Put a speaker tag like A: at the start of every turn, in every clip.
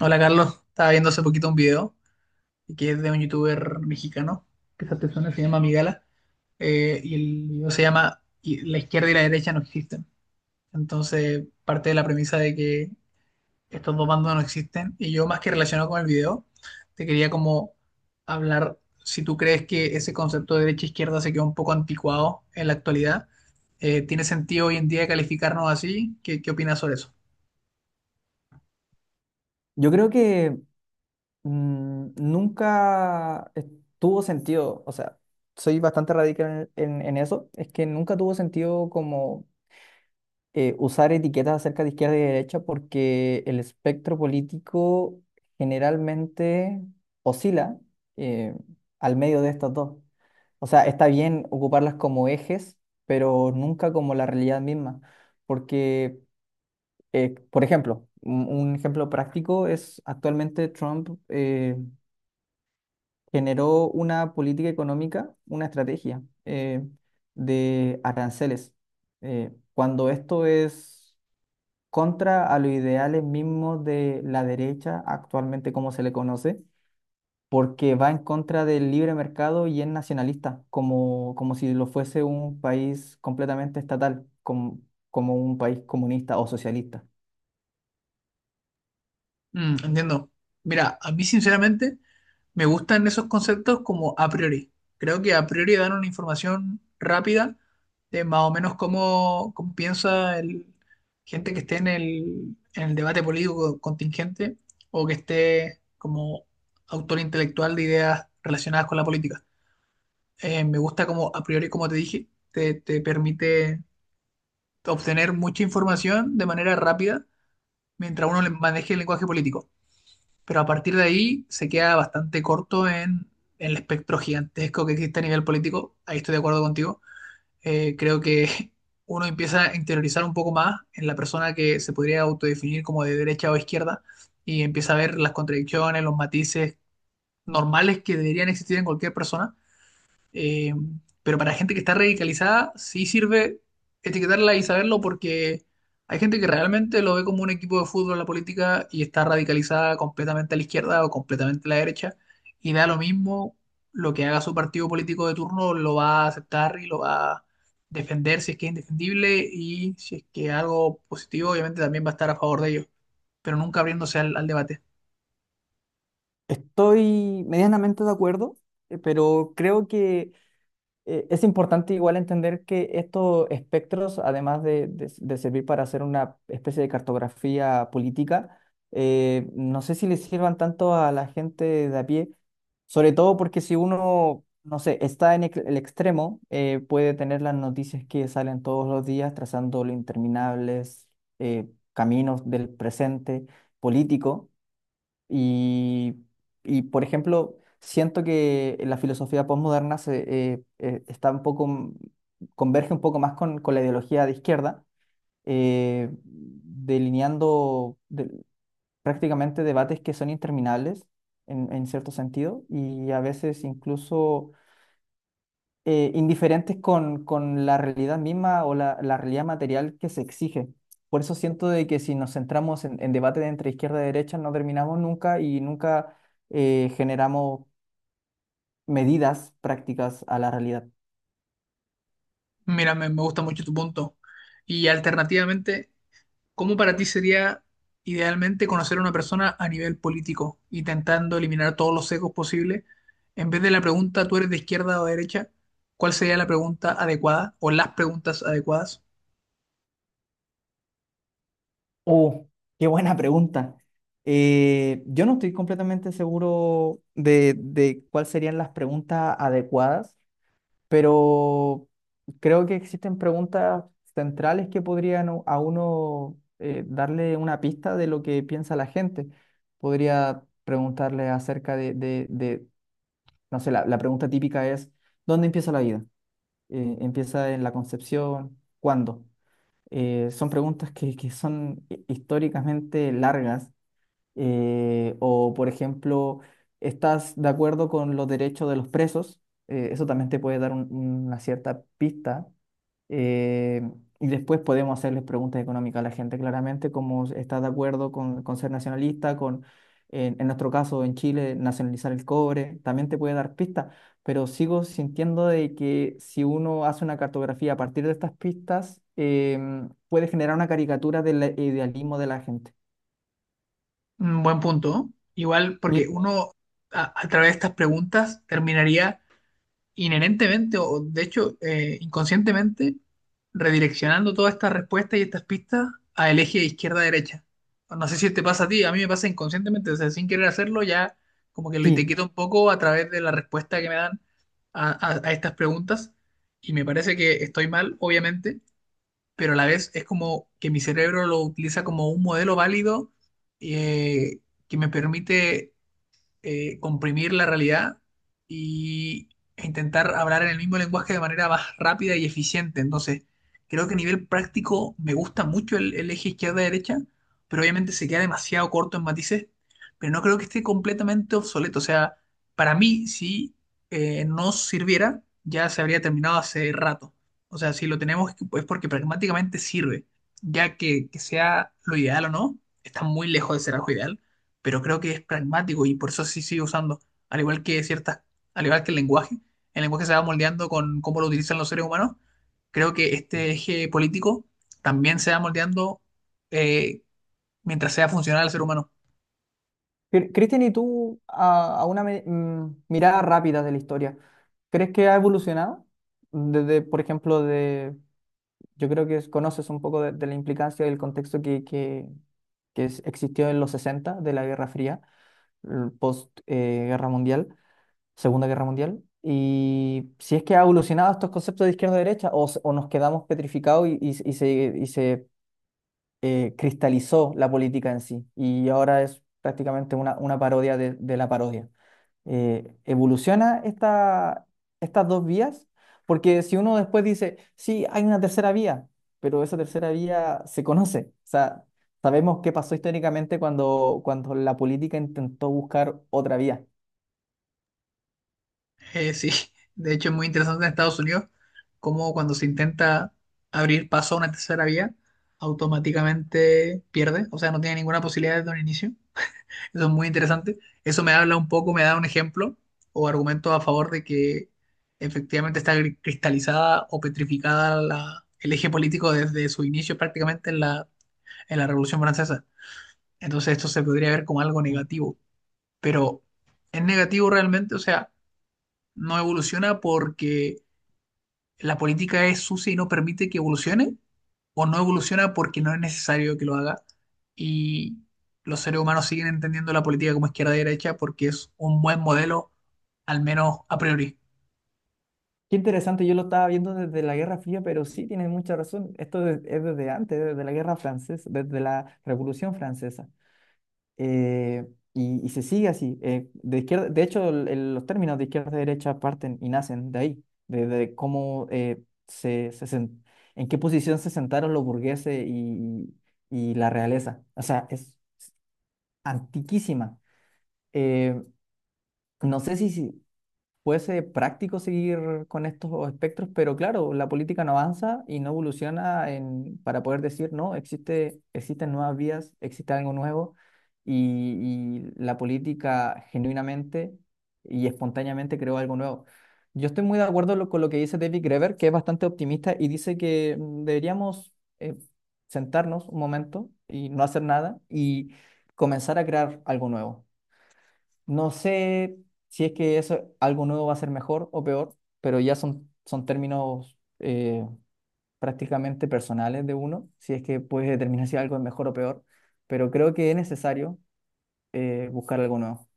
A: Hola Carlos, estaba viendo hace poquito un video que es de un youtuber mexicano, que esa persona se llama Migala. El video se llama y La izquierda y la derecha no existen. Entonces parte de la premisa de que estos dos bandos no existen, y yo, más que relacionado con el video, te quería como hablar si tú crees que ese concepto de derecha-izquierda se quedó un poco anticuado en la actualidad. ¿tiene sentido hoy en día calificarnos así? ¿Qué opinas sobre eso?
B: Yo creo que nunca tuvo sentido, o sea, soy bastante radical en, en eso, es que nunca tuvo sentido como usar etiquetas acerca de izquierda y derecha porque el espectro político generalmente oscila eh, al medio de estas dos. O sea, está bien ocuparlas como ejes, pero nunca como la realidad misma, porque por ejemplo, un ejemplo práctico es actualmente Trump generó una política económica, una estrategia de aranceles, cuando esto es contra a los ideales mismos de la derecha, actualmente como se le conoce, porque va en contra del libre mercado y es nacionalista, como si lo fuese un país completamente estatal, como un país comunista o socialista.
A: Mm, entiendo. Mira, a mí sinceramente me gustan esos conceptos como a priori. Creo que a priori dan una información rápida de más o menos cómo piensa gente que esté en en el debate político contingente o que esté como autor intelectual de ideas relacionadas con la política. Me gusta como a priori, como te dije, te permite obtener mucha información de manera rápida mientras maneje el lenguaje político, pero a partir de ahí se queda bastante corto en el espectro gigantesco que existe a nivel político. Ahí estoy de acuerdo contigo. Creo que uno empieza a interiorizar un poco más en la persona que se podría autodefinir como de derecha o izquierda y empieza a ver las contradicciones, los matices normales que deberían existir en cualquier persona. eh, pero para gente que está radicalizada, sí sirve etiquetarla y saberlo, porque hay gente que realmente lo ve como un equipo de fútbol la política y está radicalizada completamente a la izquierda o completamente a la derecha, y da lo mismo lo que haga su partido político de turno, lo va a aceptar y lo va a defender si es que es indefendible, y si es que algo positivo, obviamente también va a estar a favor de ellos, pero nunca abriéndose al debate.
B: Estoy medianamente de acuerdo, pero creo que es importante igual entender que estos espectros, además de servir para hacer una especie de cartografía política, no sé si le sirvan tanto a la gente de a pie, sobre todo porque si uno, no sé, está en el extremo, puede tener las noticias que salen todos los días trazando los interminables caminos del presente político y, por ejemplo, siento que la filosofía postmoderna se, está un poco, m- converge un poco más con la ideología de izquierda, delineando prácticamente debates que son interminables en cierto sentido y a veces incluso indiferentes con la realidad misma o la realidad material que se exige. Por eso siento de que si nos centramos en debates entre izquierda y derecha, no terminamos nunca y nunca generamos medidas prácticas a la realidad.
A: Mira, me gusta mucho tu punto. Y alternativamente, ¿cómo para ti sería idealmente conocer a una persona a nivel político, intentando eliminar todos los sesgos posibles? En vez de la pregunta, ¿tú eres de izquierda o de derecha?, ¿cuál sería la pregunta adecuada o las preguntas adecuadas?
B: Oh, qué buena pregunta. Yo no estoy completamente seguro de cuáles serían las preguntas adecuadas, pero creo que existen preguntas centrales que podrían a uno darle una pista de lo que piensa la gente. Podría preguntarle acerca de, no sé, la pregunta típica es: ¿dónde empieza la vida? ¿Empieza en la concepción? ¿Cuándo? Son preguntas que, son históricamente largas, o, por ejemplo, estás de acuerdo con los derechos de los presos. Eso también te puede dar una cierta pista. Eh, y después podemos hacerles preguntas económicas a la gente, claramente, como estás de acuerdo con ser nacionalista, en nuestro caso en Chile, nacionalizar el cobre, también te puede dar pistas, pero sigo sintiendo de que si uno hace una cartografía a partir de estas pistas, puede generar una caricatura del idealismo de la gente.
A: Un buen punto, ¿no? Igual, porque
B: Mi-
A: uno a través de estas preguntas terminaría inherentemente, o de hecho, inconscientemente, redireccionando todas estas respuestas y estas pistas a el eje izquierda-derecha. No sé si te pasa a ti, a mí me pasa inconscientemente, o sea, sin querer hacerlo, ya como que lo
B: Sí,
A: etiqueto un poco a través de la respuesta que me dan a estas preguntas, y me parece que estoy mal, obviamente, pero a la vez es como que mi cerebro lo utiliza como un modelo válido, eh, que me permite comprimir la realidad y, e intentar hablar en el mismo lenguaje de manera más rápida y eficiente. Entonces, creo que a nivel práctico me gusta mucho el eje izquierda-derecha, pero obviamente se queda demasiado corto en matices, pero no creo que esté completamente obsoleto. O sea, para mí, si no sirviera, ya se habría terminado hace rato. O sea, si lo tenemos es porque pragmáticamente sirve, ya que sea lo ideal o no, está muy lejos de ser algo ideal, pero creo que es pragmático y por eso sí sigue usando, al igual que ciertas, al igual que el lenguaje se va moldeando con cómo lo utilizan los seres humanos, creo que este eje político también se va moldeando, eh, mientras sea funcional al ser humano.
B: Cristian, ¿y tú, a una mirada rápida de la historia, crees que ha evolucionado? Desde, por ejemplo, yo creo que conoces un poco de la implicancia y el contexto que existió en los 60, de la Guerra Fría, el post Guerra Mundial, Segunda Guerra Mundial, y si es que ha evolucionado estos conceptos de izquierda-derecha o, o nos quedamos petrificados y, y se cristalizó la política en sí y ahora es prácticamente una parodia de la parodia, evoluciona estas dos vías, porque si uno después dice, sí, hay una tercera vía, pero esa tercera vía se conoce, o sea, sabemos qué pasó históricamente cuando la política intentó buscar otra vía.
A: Sí, de hecho es muy interesante en Estados Unidos cómo cuando se intenta abrir paso a una tercera vía, automáticamente pierde, o sea, no tiene ninguna posibilidad desde un inicio. Eso es muy interesante. Eso me habla un poco, me da un ejemplo o argumento a favor de que efectivamente está cristalizada o petrificada el eje político desde su inicio prácticamente en la Revolución Francesa. Entonces esto se podría ver como algo
B: Mm.
A: negativo, pero ¿es negativo realmente? O sea, ¿no evoluciona porque la política es sucia y no permite que evolucione?, ¿o no evoluciona porque no es necesario que lo haga? Y los seres humanos siguen entendiendo la política como izquierda-derecha porque es un buen modelo, al menos a priori.
B: Qué interesante, yo lo estaba viendo desde la Guerra Fría, pero sí tienes mucha razón, esto es desde antes, desde la Guerra Francesa, desde la Revolución Francesa. eh, y se sigue así. De izquierda, de hecho, los términos de izquierda y derecha parten y nacen de ahí, de cómo se, se sen- en qué posición se sentaron los burgueses y la realeza. O sea, es antiquísima. Eh, no sé puede ser práctico seguir con estos espectros, pero claro, la política no avanza y no evoluciona para poder decir, no, existe, existen nuevas vías, existe algo nuevo y la política genuinamente y espontáneamente creó algo nuevo. Yo estoy muy de acuerdo con lo que dice David Graeber, que es bastante optimista y dice que deberíamos eh, sentarnos un momento y no hacer nada y comenzar a crear algo nuevo. No sé si es que eso, algo nuevo va a ser mejor o peor, pero ya son términos prácticamente personales de uno, si es que puedes determinar si algo es mejor o peor, pero creo que es necesario buscar algo nuevo.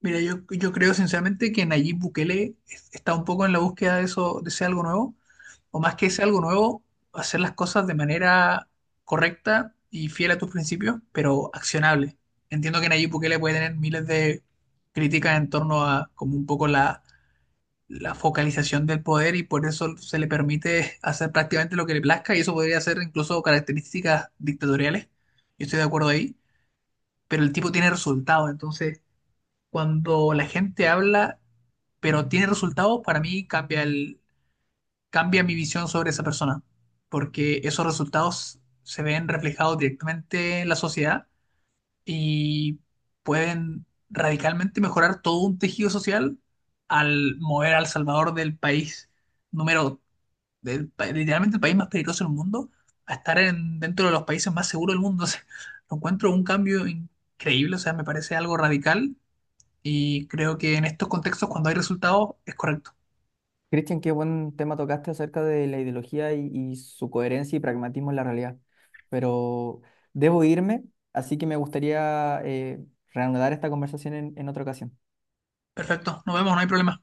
A: Mira, yo creo sinceramente que Nayib Bukele está un poco en la búsqueda de eso, de ese algo nuevo, o más que ese algo nuevo, hacer las cosas de manera correcta y fiel a tus principios, pero accionable. Entiendo que Nayib Bukele puede tener miles de críticas en torno a como un poco la focalización del poder, y por eso se le permite hacer prácticamente lo que le plazca, y eso podría ser incluso características dictatoriales. Yo estoy de acuerdo ahí, pero el tipo tiene resultados. Entonces, cuando la gente habla, pero tiene resultados, para mí cambia cambia mi visión sobre esa persona, porque esos resultados se ven reflejados directamente en la sociedad y pueden radicalmente mejorar todo un tejido social al mover al Salvador del país número literalmente el país más peligroso del mundo, a estar en, dentro de los países más seguros del mundo. O sea, lo encuentro un cambio increíble, o sea, me parece algo radical, y creo que en estos contextos, cuando hay resultados, es correcto.
B: Cristian, qué buen tema tocaste acerca de la ideología y su coherencia y pragmatismo en la realidad, pero debo irme, así que me gustaría reanudar esta conversación en otra ocasión.
A: Perfecto, nos vemos, no hay problema.